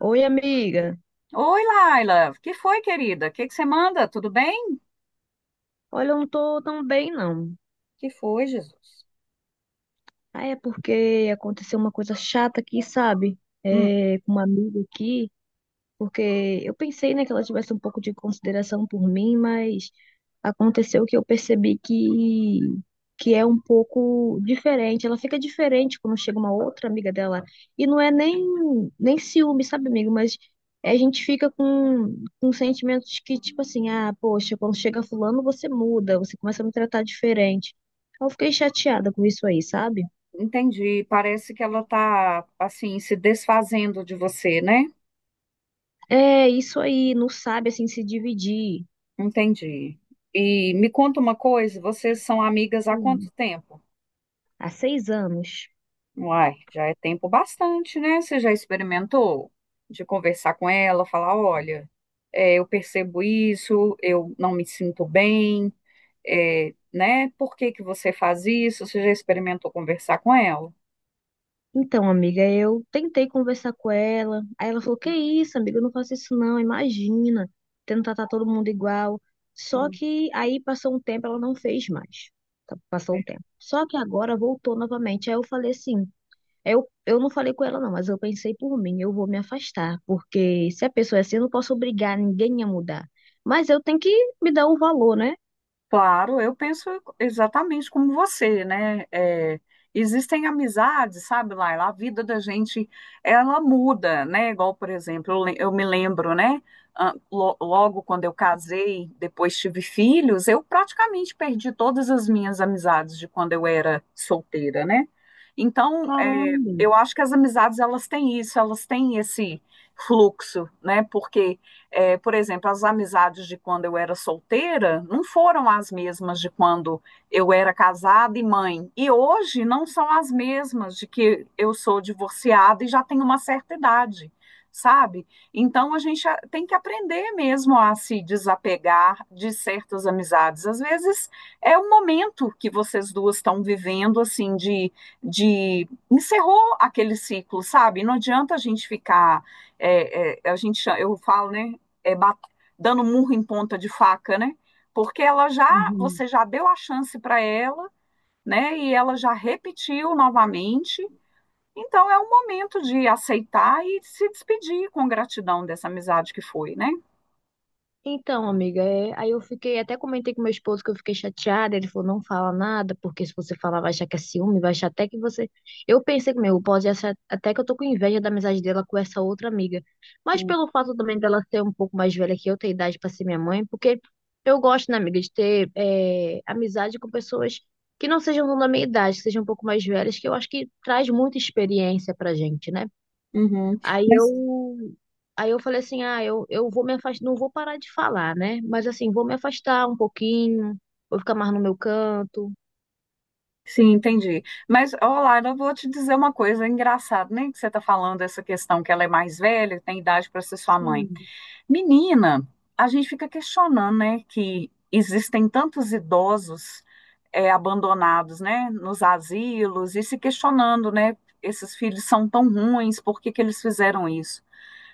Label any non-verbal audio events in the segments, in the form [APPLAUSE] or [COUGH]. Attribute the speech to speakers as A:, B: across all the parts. A: Oi, amiga.
B: Oi, Laila. Que foi, querida? O que que você manda? Tudo bem?
A: Olha, eu não tô tão bem, não.
B: Que foi, Jesus?
A: Ah, é porque aconteceu uma coisa chata aqui, sabe?
B: Hum,
A: É, com uma amiga aqui. Porque eu pensei, né, que ela tivesse um pouco de consideração por mim, mas aconteceu que eu percebi que é um pouco diferente. Ela fica diferente quando chega uma outra amiga dela e não é nem ciúme, sabe, amigo, mas a gente fica com sentimentos que, tipo assim, ah, poxa, quando chega fulano, você muda, você começa a me tratar diferente. Eu fiquei chateada com isso aí, sabe?
B: entendi. Parece que ela tá assim se desfazendo de você, né?
A: É, isso aí, não sabe, assim, se dividir.
B: Entendi. E me conta uma coisa, vocês são amigas há quanto
A: Hum,
B: tempo?
A: há 6 anos.
B: Uai, já é tempo bastante, né? Você já experimentou de conversar com ela, falar, olha, eu percebo isso, eu não me sinto bem, né? Por que que você faz isso? Você já experimentou conversar com ela?
A: Então, amiga, eu tentei conversar com ela. Aí ela falou: que isso, amiga, eu não faço isso não, imagina. Tentar tratar todo mundo igual. Só que aí passou um tempo, ela não fez mais. Tá, passou um tempo. Só que agora voltou novamente. Aí eu falei assim: eu não falei com ela não, mas eu pensei por mim, eu vou me afastar. Porque se a pessoa é assim, eu não posso obrigar ninguém a mudar. Mas eu tenho que me dar o valor, né?
B: Claro, eu penso exatamente como você, né? É, existem amizades, sabe, Laila? A vida da gente, ela muda, né? Igual, por exemplo, eu me lembro, né? Ah, logo quando eu casei, depois tive filhos, eu praticamente perdi todas as minhas amizades de quando eu era solteira, né? Então,
A: Caramba.
B: eu acho que as amizades, elas têm isso, elas têm esse fluxo, né? Porque é, por exemplo, as amizades de quando eu era solteira não foram as mesmas de quando eu era casada e mãe. E hoje não são as mesmas de que eu sou divorciada e já tenho uma certa idade, sabe? Então a gente tem que aprender mesmo a se desapegar de certas amizades. Às vezes é um momento que vocês duas estão vivendo, assim, de. Encerrou aquele ciclo, sabe? Não adianta a gente ficar. A gente eu falo né é, bat- dando murro em ponta de faca, né? Porque
A: Uhum.
B: você já deu a chance para ela, né? E ela já repetiu novamente. Então é o momento de aceitar e se despedir com gratidão dessa amizade que foi, né?
A: Então, amiga, é, aí eu fiquei, até comentei com meu esposo que eu fiquei chateada, ele falou, não fala nada, porque se você falar vai achar que é ciúme, vai achar até que você... Eu pensei comigo, pode achar até que eu tô com inveja da amizade dela com essa outra amiga, mas
B: Hum.
A: pelo fato também dela ser um pouco mais velha que eu, ter idade pra ser minha mãe, porque eu gosto, né, amiga, de ter é, amizade com pessoas que não sejam da minha idade, que sejam um pouco mais velhas, que eu acho que traz muita experiência pra gente, né?
B: Uhum.
A: Aí
B: Mas
A: eu, aí eu falei assim, ah, eu vou me afastar, não vou parar de falar, né? Mas assim, vou me afastar um pouquinho, vou ficar mais no meu canto.
B: sim, entendi. Mas, olá, eu vou te dizer uma coisa engraçada, né? Que você está falando essa questão que ela é mais velha, tem idade para ser sua mãe.
A: Sim,
B: Menina, a gente fica questionando, né, que existem tantos idosos abandonados, né, nos asilos e se questionando, né, esses filhos são tão ruins, por que que eles fizeram isso?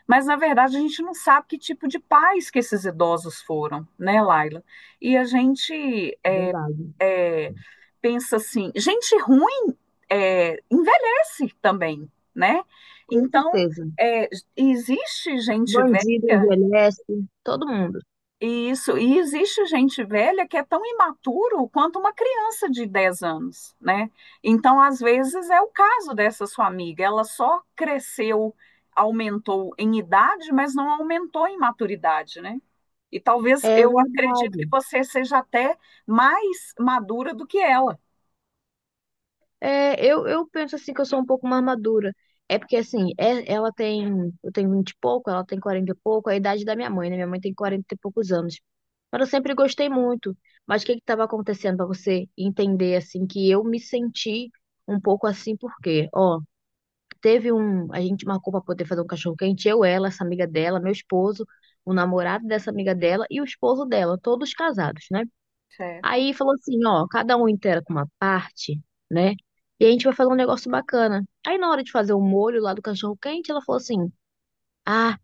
B: Mas na verdade a gente não sabe que tipo de pais que esses idosos foram, né, Laila? E a gente é,
A: verdade.
B: é, pensa assim, gente ruim envelhece também, né?
A: Com
B: Então
A: certeza.
B: é, existe gente
A: Bandido
B: velha,
A: envelhece, todo mundo.
B: isso, e existe gente velha que é tão imaturo quanto uma criança de 10 anos, né? Então, às vezes, é o caso dessa sua amiga, ela só cresceu, aumentou em idade, mas não aumentou em maturidade, né? E talvez
A: É
B: eu acredito que
A: verdade.
B: você seja até mais madura do que ela.
A: É, eu penso assim que eu sou um pouco mais madura. É porque assim, ela tem, eu tenho 20 e pouco, ela tem 40 e pouco, é a idade da minha mãe, né? Minha mãe tem 40 e poucos anos. Mas eu sempre gostei muito. Mas o que que estava acontecendo para você entender assim que eu me senti um pouco assim porque, ó, teve um, a gente marcou para poder fazer um cachorro quente, eu, ela, essa amiga dela, meu esposo, o namorado dessa amiga dela e o esposo dela, todos casados, né?
B: Certo.
A: Aí falou assim, ó, cada um inteira com uma parte, né? E a gente vai fazer um negócio bacana. Aí na hora de fazer o molho lá do cachorro quente, ela falou assim: "Ah,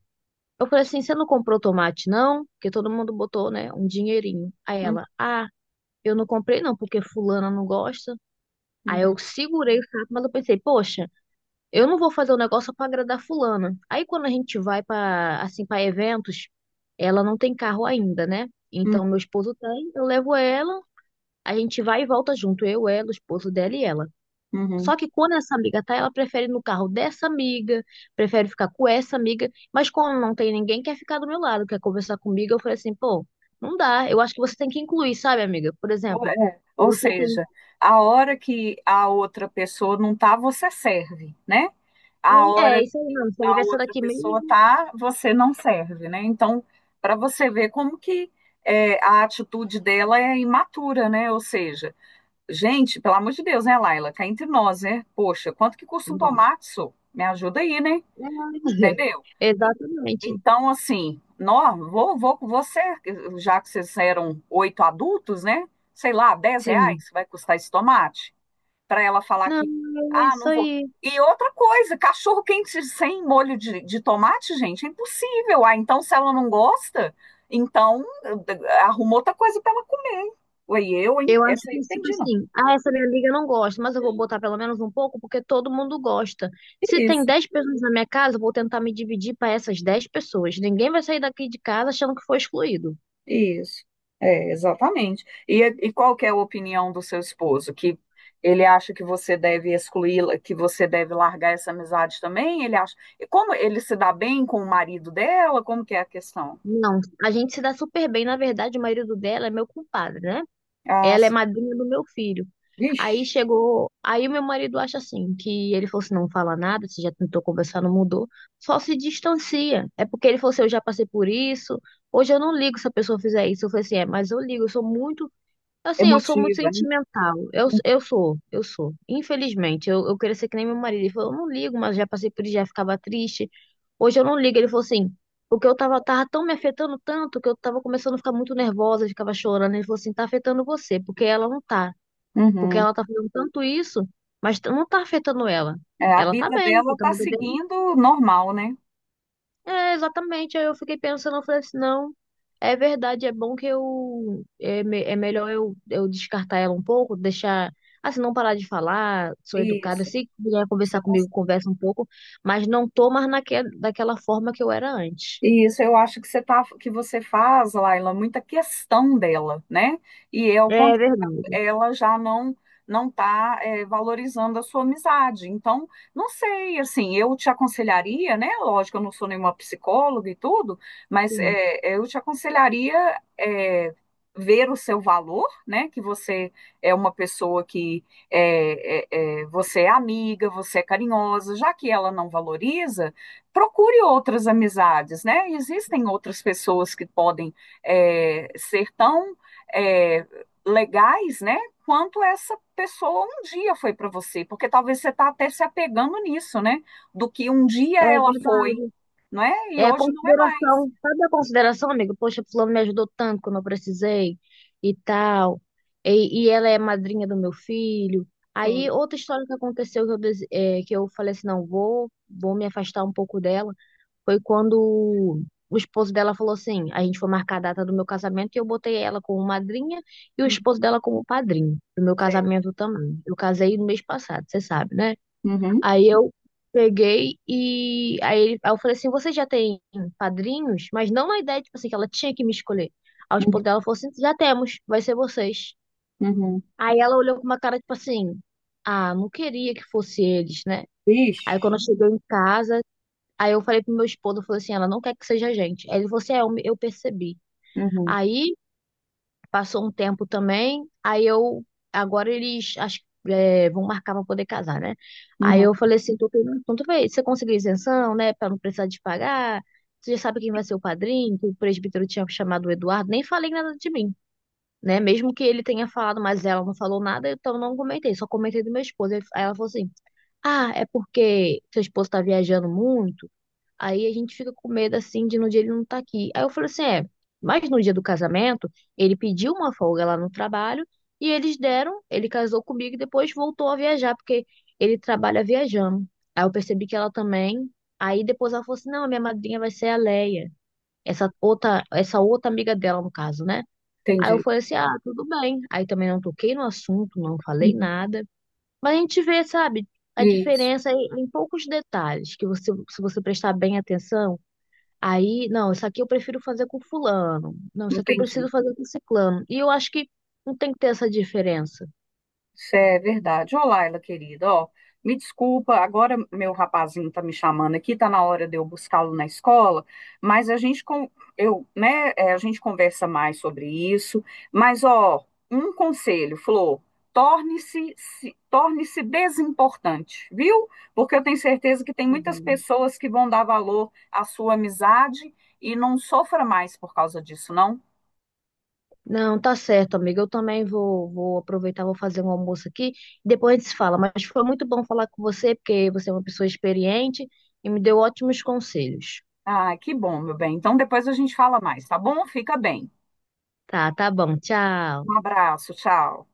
A: eu falei assim, você não comprou tomate não? Porque todo mundo botou, né, um dinheirinho". Aí
B: Hum,
A: ela: "Ah, eu não comprei não, porque fulana não gosta". Aí eu
B: uhum,
A: segurei o saco, mas eu pensei: "Poxa, eu não vou fazer o negócio pra agradar fulana". Aí quando a gente vai pra assim para eventos, ela não tem carro ainda, né?
B: hum,
A: Então meu esposo tem, eu levo ela, a gente vai e volta junto, eu, ela, o esposo dela e ela.
B: uhum.
A: Só que quando essa amiga tá, ela prefere ir no carro dessa amiga, prefere ficar com essa amiga, mas quando não tem ninguém, quer ficar do meu lado, quer conversar comigo, eu falei assim, pô, não dá, eu acho que você tem que incluir, sabe, amiga? Por
B: Ou
A: exemplo,
B: é, ou
A: você tem.
B: seja, a hora que a outra pessoa não tá, você serve, né? A
A: Um, é,
B: hora
A: isso aí não, você vai
B: a
A: ver essa
B: outra
A: daqui
B: pessoa
A: mesmo.
B: tá, você não serve, né? Então, para você ver como que a atitude dela é imatura, né? Ou seja, gente, pelo amor de Deus, né, Laila? Cá entre nós, né? Poxa, quanto que custa um tomate? Sô? Me ajuda aí, né?
A: É, [LAUGHS]
B: Entendeu?
A: exatamente,
B: Então, assim, nó, vou com você, já que vocês eram 8 adultos, né? Sei lá, dez
A: sim.
B: reais vai custar esse tomate? Para ela falar
A: Não,
B: que,
A: é
B: ah,
A: isso
B: não vou.
A: aí.
B: E outra coisa, cachorro quente sem molho de tomate, gente, é impossível. Ah, então se ela não gosta, então arruma outra coisa para ela comer. Oi, eu, hein?
A: Eu acho
B: Essa eu
A: que, tipo
B: entendi, não.
A: assim, ah, essa minha amiga não gosta, mas eu vou botar pelo menos um pouco porque todo mundo gosta. Se tem
B: Isso,
A: 10 pessoas na minha casa, eu vou tentar me dividir para essas 10 pessoas. Ninguém vai sair daqui de casa achando que foi excluído.
B: isso. É, exatamente. E qual que é a opinião do seu esposo? Que ele acha que você deve excluí-la, que você deve largar essa amizade também? Ele acha. E como ele se dá bem com o marido dela? Como que é a questão?
A: Não, a gente se dá super bem. Na verdade, o marido dela é meu compadre, né?
B: Ah,
A: Ela é madrinha do meu filho. Aí
B: vixe.
A: chegou, aí o meu marido acha assim, que ele falou assim, não fala nada, você já tentou conversar, não mudou, só se distancia. É porque ele falou assim, eu já passei por isso, hoje eu não ligo se a pessoa fizer isso. Eu falei assim, é, mas eu ligo, eu sou muito. Assim, eu sou muito
B: Emotiva, né?
A: sentimental. Eu sou, eu sou. Infelizmente, eu queria ser que nem meu marido. Ele falou, eu não ligo, mas já passei por isso, já ficava triste. Hoje eu não ligo. Ele falou assim, porque eu tava tão me afetando tanto que eu tava começando a ficar muito nervosa, ficava chorando. Ele falou assim, tá afetando você, porque ela não tá. Porque
B: Uhum.
A: ela tá fazendo tanto isso, mas não tá afetando ela.
B: É, a
A: Ela tá
B: vida
A: bem,
B: dela
A: tá
B: tá
A: bem.
B: seguindo normal, né?
A: É, exatamente. Aí eu fiquei pensando, eu falei assim, não, é verdade, é bom que eu é, é melhor eu descartar ela um pouco, deixar assim, não parar de falar, sou educada,
B: Isso.
A: se quiser
B: Você
A: conversar
B: tá-
A: comigo, conversa um pouco, mas não tô mais daquela forma que eu era antes.
B: Isso, eu acho que você tá, que você faz, Laila, muita questão dela, né? E é o
A: É verdade,
B: ela já não está valorizando a sua amizade. Então, não sei, assim, eu te aconselharia, né? Lógico, eu não sou nenhuma psicóloga e tudo, mas
A: sim.
B: eu te aconselharia ver o seu valor, né? Que você é uma pessoa que você é amiga, você é carinhosa, já que ela não valoriza, procure outras amizades, né? Existem outras pessoas que podem ser tão é, legais, né? Quanto essa pessoa um dia foi para você, porque talvez você está até se apegando nisso, né? Do que um
A: É
B: dia ela foi,
A: verdade.
B: não é? E
A: É a
B: hoje não é mais.
A: consideração, sabe a consideração, amigo? Poxa, fulano me ajudou tanto quando eu precisei e tal. E ela é madrinha do meu filho.
B: Sim.
A: Aí, outra história que aconteceu que eu, é, que eu falei assim, não, vou me afastar um pouco dela, foi quando o esposo dela falou assim, a gente foi marcar a data do meu casamento e eu botei ela como madrinha e o
B: Hum,
A: esposo dela como padrinho do meu
B: sei.
A: casamento também. Eu casei no mês passado, você sabe, né?
B: Uhum,
A: Aí eu peguei e aí, aí eu falei assim, você já tem padrinhos? Mas não na ideia, tipo assim, que ela tinha que me escolher. Aos
B: uhum,
A: poucos ela falou assim, já temos, vai ser vocês.
B: uhum.
A: Aí ela olhou com uma cara, tipo assim, ah, não queria que fosse eles, né?
B: Ixi,
A: Aí quando chegou em casa, aí eu falei pro meu esposo, eu falei assim, ela não quer que seja a gente. Aí ele falou assim, é, eu, eu percebi.
B: uhum,
A: Aí passou um tempo também, aí eu, agora eles, acho que é, vão marcar pra poder casar, né? Aí
B: uhum.
A: eu falei assim, tô perguntando, se você conseguiu isenção, né, pra não precisar de pagar, você já sabe quem vai ser o padrinho, que o presbítero tinha chamado o Eduardo, nem falei nada de mim, né? Mesmo que ele tenha falado, mas ela não falou nada, então eu não comentei, só comentei do meu esposo. Aí ela falou assim, ah, é porque seu esposo tá viajando muito, aí a gente fica com medo assim de no dia ele não tá aqui. Aí eu falei assim, é, mas no dia do casamento, ele pediu uma folga lá no trabalho e eles deram, ele casou comigo e depois voltou a viajar, porque ele trabalha viajando. Aí eu percebi que ela também. Aí depois ela falou assim, não, a minha madrinha vai ser a Leia, essa outra amiga dela, no caso, né? Aí eu
B: Entendi.
A: falei assim, ah, tudo bem. Aí também não toquei no assunto, não falei
B: Uhum.
A: nada. Mas a gente vê, sabe, a
B: Isso,
A: diferença em poucos detalhes, que você, se você prestar bem atenção, aí, não, isso aqui eu prefiro fazer com fulano. Não, isso aqui eu
B: entendi.
A: preciso fazer com ciclano. E eu acho que não tem que ter essa diferença.
B: Isso é verdade. Ô, Laila, querida, ó, me desculpa, agora meu rapazinho tá me chamando aqui, tá na hora de eu buscá-lo na escola, mas a gente com, eu, né, a gente conversa mais sobre isso, mas ó, um conselho, Flor, torne-se se- torne-se desimportante, viu? Porque eu tenho certeza que tem
A: Tá
B: muitas
A: bom.
B: pessoas que vão dar valor à sua amizade e não sofra mais por causa disso, não?
A: Não, tá certo, amiga. Eu também vou aproveitar, vou fazer um almoço aqui. Depois a gente se fala. Mas foi muito bom falar com você, porque você é uma pessoa experiente e me deu ótimos conselhos.
B: Ah, que bom, meu bem. Então depois a gente fala mais, tá bom? Fica bem.
A: Tá, tá bom.
B: Um
A: Tchau.
B: abraço, tchau.